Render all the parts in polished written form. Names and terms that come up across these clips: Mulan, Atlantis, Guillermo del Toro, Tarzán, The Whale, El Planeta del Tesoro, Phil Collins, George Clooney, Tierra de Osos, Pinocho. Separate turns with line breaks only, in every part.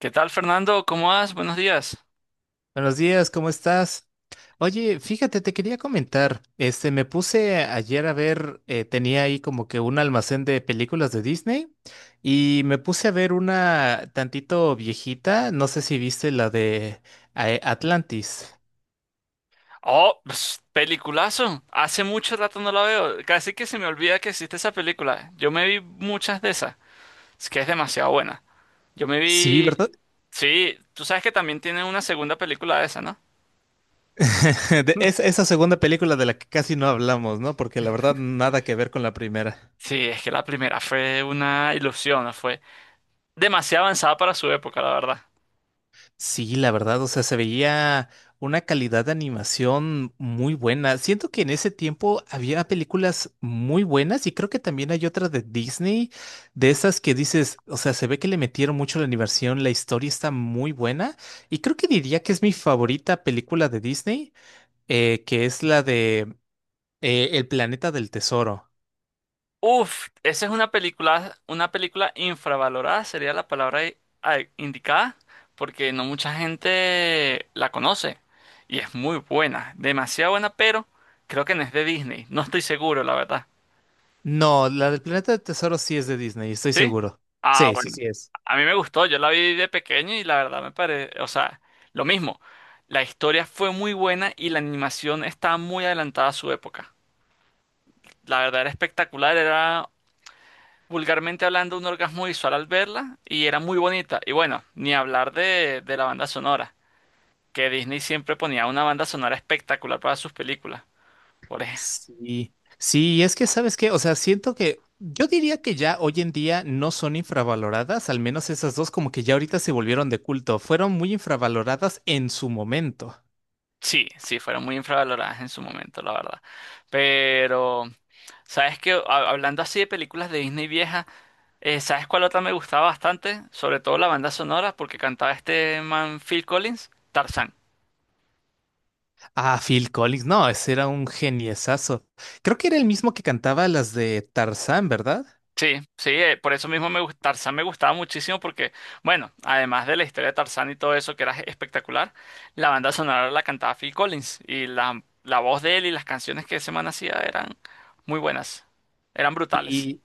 ¿Qué tal, Fernando? ¿Cómo vas? Buenos días.
Buenos días, ¿cómo estás? Oye, fíjate, te quería comentar, este, me puse ayer a ver, tenía ahí como que un almacén de películas de Disney y me puse a ver una tantito viejita, no sé si viste la de Atlantis.
Oh, ps, peliculazo. Hace mucho rato no la veo. Casi que se me olvida que existe esa película. Yo me vi muchas de esas. Es que es demasiado buena. Yo me
Sí,
vi...
¿verdad?
Sí, tú sabes que también tiene una segunda película de esa, ¿no?
Esa segunda película de la que casi no hablamos, ¿no? Porque la verdad nada que ver con la primera.
Sí, es que la primera fue una ilusión, ¿no? Fue demasiado avanzada para su época, la verdad.
Sí, la verdad, o sea, se veía una calidad de animación muy buena. Siento que en ese tiempo había películas muy buenas y creo que también hay otra de Disney, de esas que dices, o sea, se ve que le metieron mucho la animación, la historia está muy buena y creo que diría que es mi favorita película de Disney, que es la de El Planeta del Tesoro.
Uf, esa es una película infravalorada, sería la palabra indicada, porque no mucha gente la conoce y es muy buena, demasiado buena, pero creo que no es de Disney, no estoy seguro, la verdad.
No, la del Planeta del Tesoro sí es de Disney, estoy
¿Sí?
seguro.
Ah,
Sí, sí,
bueno.
sí es.
A mí me gustó, yo la vi de pequeño y la verdad me parece, o sea, lo mismo. La historia fue muy buena y la animación estaba muy adelantada a su época. La verdad era espectacular, era vulgarmente hablando, un orgasmo visual al verla y era muy bonita. Y bueno, ni hablar de la banda sonora, que Disney siempre ponía una banda sonora espectacular para sus películas. Por ej-
Sí, sí, y es que sabes qué, o sea, siento que yo diría que ya hoy en día no son infravaloradas, al menos esas dos como que ya ahorita se volvieron de culto, fueron muy infravaloradas en su momento.
Sí, sí, fueron muy infravaloradas en su momento, la verdad. Pero, ¿sabes qué? Hablando así de películas de Disney vieja, ¿sabes cuál otra me gustaba bastante? Sobre todo la banda sonora, porque cantaba este man Phil Collins, Tarzán.
Ah, Phil Collins, no, ese era un geniesazo. Creo que era el mismo que cantaba las de Tarzán, ¿verdad?
Sí, sí, por eso mismo Tarzán me gustaba muchísimo porque, bueno, además de la historia de Tarzán y todo eso que era espectacular, la banda sonora la cantaba Phil Collins y la voz de él y las canciones que ese man hacía eran muy buenas, eran brutales.
Y,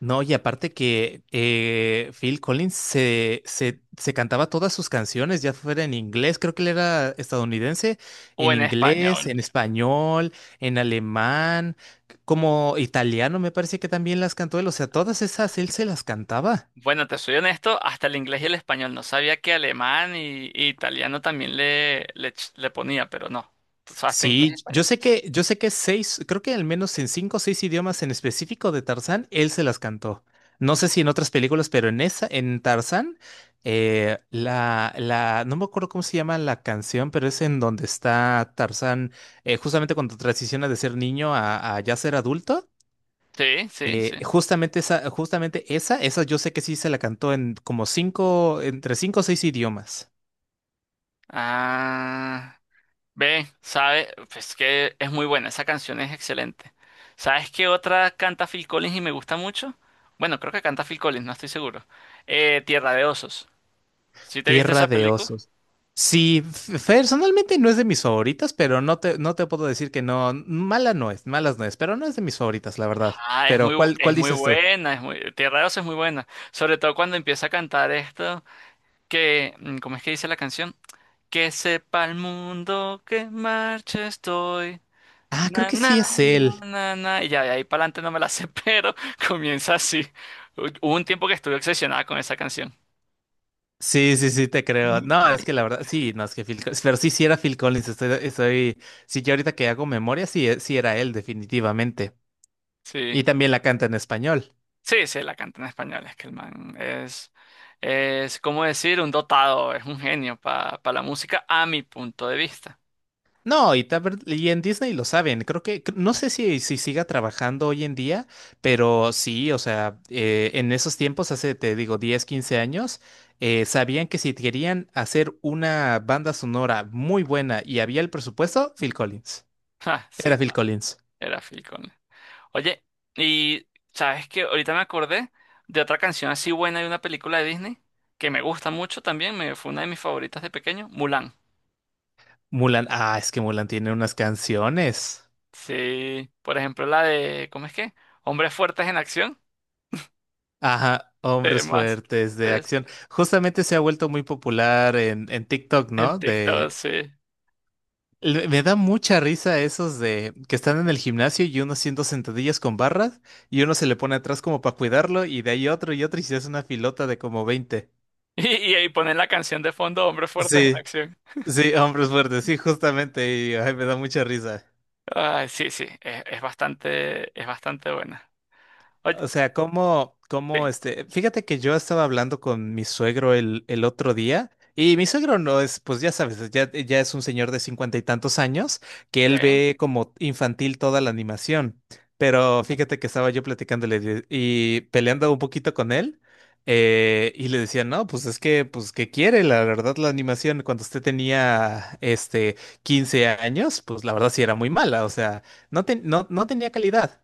No, y aparte que Phil Collins se cantaba todas sus canciones, ya fuera en inglés, creo que él era estadounidense,
O
en
en
inglés, en
español.
español, en alemán, como italiano me parece que también las cantó él, o sea, todas esas él se las cantaba.
Bueno, te soy honesto, hasta el inglés y el español. No sabía que alemán y italiano también le ponía, pero no. O sea, hasta inglés y
Sí, yo
español.
sé que, yo sé que seis, creo que al menos en cinco o seis idiomas en específico de Tarzán, él se las cantó. No sé si en otras películas, pero en esa, en Tarzán, no me acuerdo cómo se llama la canción, pero es en donde está Tarzán, justamente cuando transiciona de ser niño a ya ser adulto.
Sí, sí, sí.
Esa yo sé que sí se la cantó en como cinco, entre cinco o seis idiomas.
Ah. Ve, sabe, pues que es muy buena, esa canción es excelente. ¿Sabes qué otra canta Phil Collins y me gusta mucho? Bueno, creo que canta Phil Collins, no estoy seguro. Tierra de Osos. ¿Sí te viste esa
Tierra de
película? No.
Osos. Sí, personalmente no es de mis favoritas, pero no te, no te puedo decir que no. Mala no es, malas no es, pero no es de mis favoritas, la verdad.
Ah, es muy,
Pero, ¿cuál,
es
cuál
muy
dices tú?
buena, es muy, Tierra de Osos es muy buena. Sobre todo cuando empieza a cantar esto, que, ¿cómo es que dice la canción? Que sepa el mundo que en marcha estoy.
Ah, creo
Na,
que
na,
sí es
na,
él.
na, na, y ya de ahí para adelante no me la sé, pero comienza así. Hubo un tiempo que estuve obsesionada con esa canción.
Sí, sí, sí, te creo. No, es que la verdad, sí, no, es que Phil Collins, pero sí, sí era Phil Collins, estoy, sí, yo ahorita que hago memoria, sí, sí era él, definitivamente.
Sí,
Y también la canta en español.
sí, sí, la canta en español. Es que el man es, ¿cómo decir? Un dotado, es un genio para la música, a mi punto de vista.
No, y en Disney lo saben. No sé si, si siga trabajando hoy en día, pero sí, o sea, en esos tiempos, hace, te digo, 10 o 15 años, sabían que si querían hacer una banda sonora muy buena y había el presupuesto, Phil Collins.
Ja, sí,
Era Phil
claro,
Collins.
era Phil Collins. Oye, y sabes que ahorita me acordé de otra canción así buena de una película de Disney que me gusta mucho también, me, fue una de mis favoritas de pequeño, Mulan.
Mulan, ah, es que Mulan tiene unas canciones.
Sí, por ejemplo, la de, ¿cómo es que? Hombres fuertes en acción.
Ajá, hombres
Temas
fuertes de
es
acción. Justamente se ha vuelto muy popular en TikTok,
en
¿no?
TikTok,
de
sí.
Me da mucha risa esos de que están en el gimnasio y uno haciendo sentadillas con barras y uno se le pone atrás como para cuidarlo y de ahí otro y otro y se hace una filota de como 20.
Y ahí ponen la canción de fondo, Hombres fuertes en
Sí,
acción.
sí, hombres fuertes, sí, justamente, y ay, me da mucha risa.
Ay, sí, sí, es bastante buena. Oye,
O sea, como,
sí,
como este, fíjate que yo estaba hablando con mi suegro el otro día y mi suegro no es, pues ya sabes, ya es un señor de 50 y tantos años que él
ok.
ve como infantil toda la animación, pero fíjate que estaba yo y peleando un poquito con él y le decía, no, pues es que, pues que quiere, la verdad la animación cuando usted tenía, este, 15 años, pues la verdad sí era muy mala, o sea, no, no, no tenía calidad.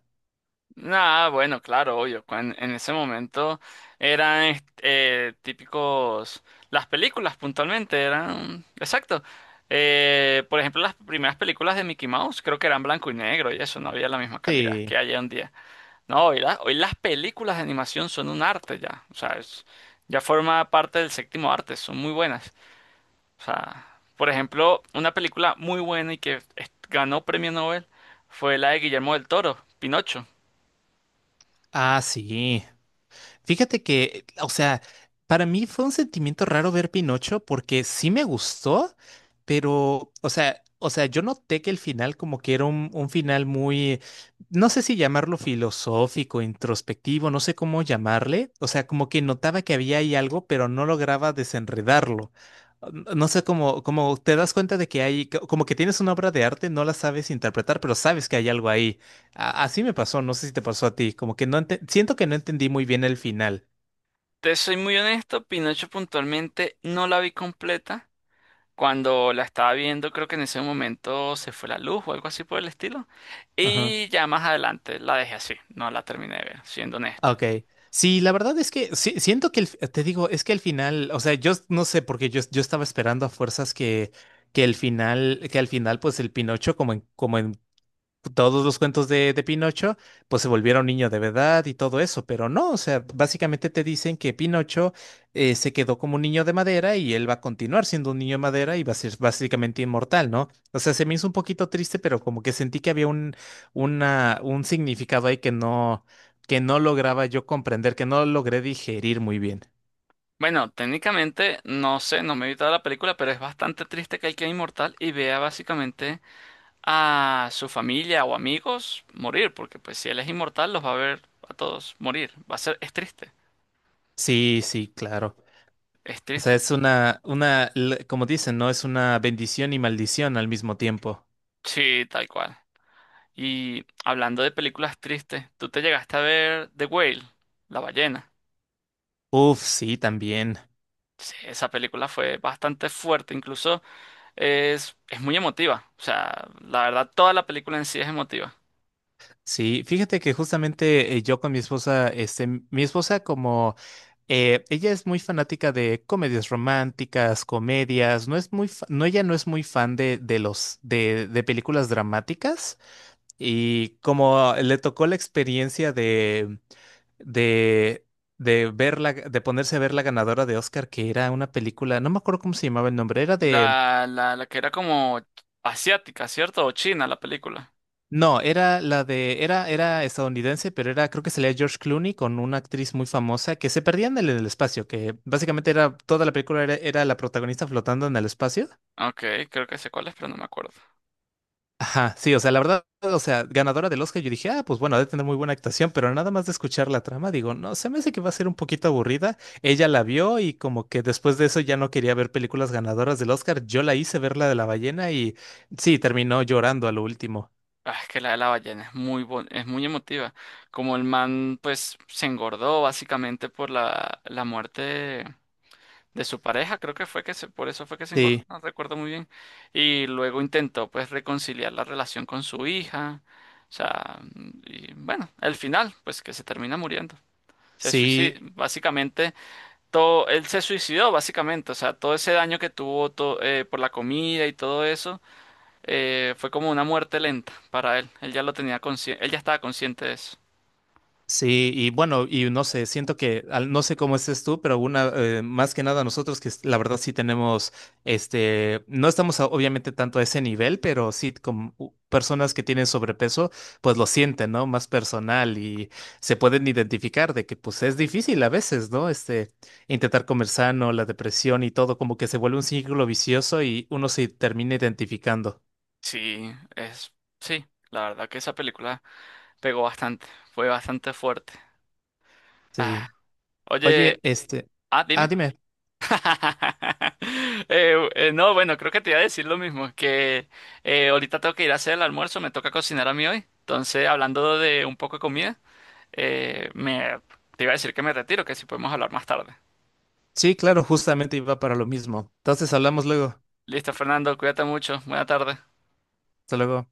Nada, bueno, claro, obvio. En ese momento eran típicos, las películas puntualmente eran, exacto. Por ejemplo, las primeras películas de Mickey Mouse creo que eran blanco y negro y eso no había la misma calidad
Sí.
que hay hoy en día. No, hoy, hoy las películas de animación son un arte ya. O sea, ya forma parte del séptimo arte, son muy buenas. O sea, por ejemplo, una película muy buena y que ganó premio Nobel fue la de Guillermo del Toro, Pinocho.
Ah, sí. Fíjate que, o sea, para mí fue un sentimiento raro ver Pinocho porque sí me gustó, pero, o sea, yo noté que el final como que era un final muy, no sé si llamarlo filosófico, introspectivo, no sé cómo llamarle. O sea, como que notaba que había ahí algo, pero no lograba desenredarlo. No sé cómo, como te das cuenta de que hay, como que tienes una obra de arte, no la sabes interpretar, pero sabes que hay algo ahí. Así me pasó, no sé si te pasó a ti, como que siento que no entendí muy bien el final.
Te soy muy honesto, Pinocho puntualmente no la vi completa. Cuando la estaba viendo, creo que en ese momento se fue la luz o algo así por el estilo.
Ajá.
Y ya más adelante la dejé así, no la terminé de ver, siendo honesto.
Ah, ok. Sí, la verdad es que siento que te digo, es que el final, o sea, no sé, porque yo estaba esperando a fuerzas que el final, que al final, pues el Pinocho, como en todos los cuentos de Pinocho, pues se volvieron niño de verdad y todo eso, pero no, o sea, básicamente te dicen que Pinocho se quedó como un niño de madera y él va a continuar siendo un niño de madera y va a ser básicamente inmortal, ¿no? O sea, se me hizo un poquito triste, pero como que sentí que había un significado ahí que no, lograba yo comprender, que no logré digerir muy bien.
Bueno, técnicamente no sé, no me he evitado la película, pero es bastante triste que él quede inmortal y vea básicamente a su familia o amigos morir, porque pues si él es inmortal los va a ver a todos morir. Va a ser, es triste,
Sí, sí, claro.
es
O sea,
triste.
es una, como dicen, ¿no? Es una bendición y maldición al mismo tiempo.
Sí, tal cual. Y hablando de películas tristes, ¿tú te llegaste a ver The Whale, la ballena?
Uf, sí, también.
Sí, esa película fue bastante fuerte, incluso es muy emotiva. O sea, la verdad, toda la película en sí es emotiva.
Sí, fíjate que justamente yo con mi esposa, este, mi esposa como ella es muy fanática de comedias románticas, comedias, no es muy, no, ella no es muy fan de películas dramáticas y como le tocó la experiencia de, de ver de ponerse a ver la ganadora de Oscar, que era una película, no me acuerdo cómo se llamaba el nombre, era.
La que era como asiática, ¿cierto? O china la película.
No, era la de, era, era estadounidense, pero era, creo que salía George Clooney con una actriz muy famosa que se perdían en el espacio, que básicamente era, toda la película era, era la protagonista flotando en el espacio.
Ok, creo que sé cuál es, pero no me acuerdo.
Ajá, sí, o sea, la verdad, o sea, ganadora del Oscar, yo dije, ah, pues bueno, ha de tener muy buena actuación, pero nada más de escuchar la trama, digo, no, se me hace que va a ser un poquito aburrida. Ella la vio y como que después de eso ya no quería ver películas ganadoras del Oscar, yo la hice ver la de la ballena y sí, terminó llorando a lo último.
Ah, es que la de la ballena es muy es muy emotiva. Como el man, pues, se engordó básicamente por la muerte de su pareja, creo que fue que se, por eso fue que se engordó,
Sí,
no recuerdo muy bien. Y luego intentó, pues, reconciliar la relación con su hija. O sea, y bueno, el final, pues, que se termina muriendo. Se suicida.
sí.
Básicamente. Todo, él se suicidó básicamente, o sea, todo ese daño que tuvo por la comida y todo eso, fue como una muerte lenta para él. Él ya lo tenía consciente, él ya estaba consciente de eso.
Sí, y bueno, y no sé, siento que, no sé cómo estés tú, pero más que nada nosotros que la verdad sí tenemos, este, no estamos obviamente tanto a ese nivel, pero sí como personas que tienen sobrepeso, pues lo sienten, ¿no? Más personal y se pueden identificar de que pues es difícil a veces, ¿no? Este, intentar comer sano, la depresión y todo, como que se vuelve un círculo vicioso y uno se termina identificando.
Sí, es, sí, la verdad que esa película pegó bastante, fue bastante fuerte. Ah,
Sí.
oye,
Oye, este,
ah,
ah,
dime.
dime.
No, bueno, creo que te iba a decir lo mismo, que ahorita tengo que ir a hacer el almuerzo, me toca cocinar a mí hoy. Entonces, hablando de un poco de comida. Me, te iba a decir que me retiro, que si podemos hablar más tarde.
Sí, claro, justamente iba para lo mismo. Entonces hablamos luego.
Listo, Fernando, cuídate mucho. Buena tarde.
Hasta luego.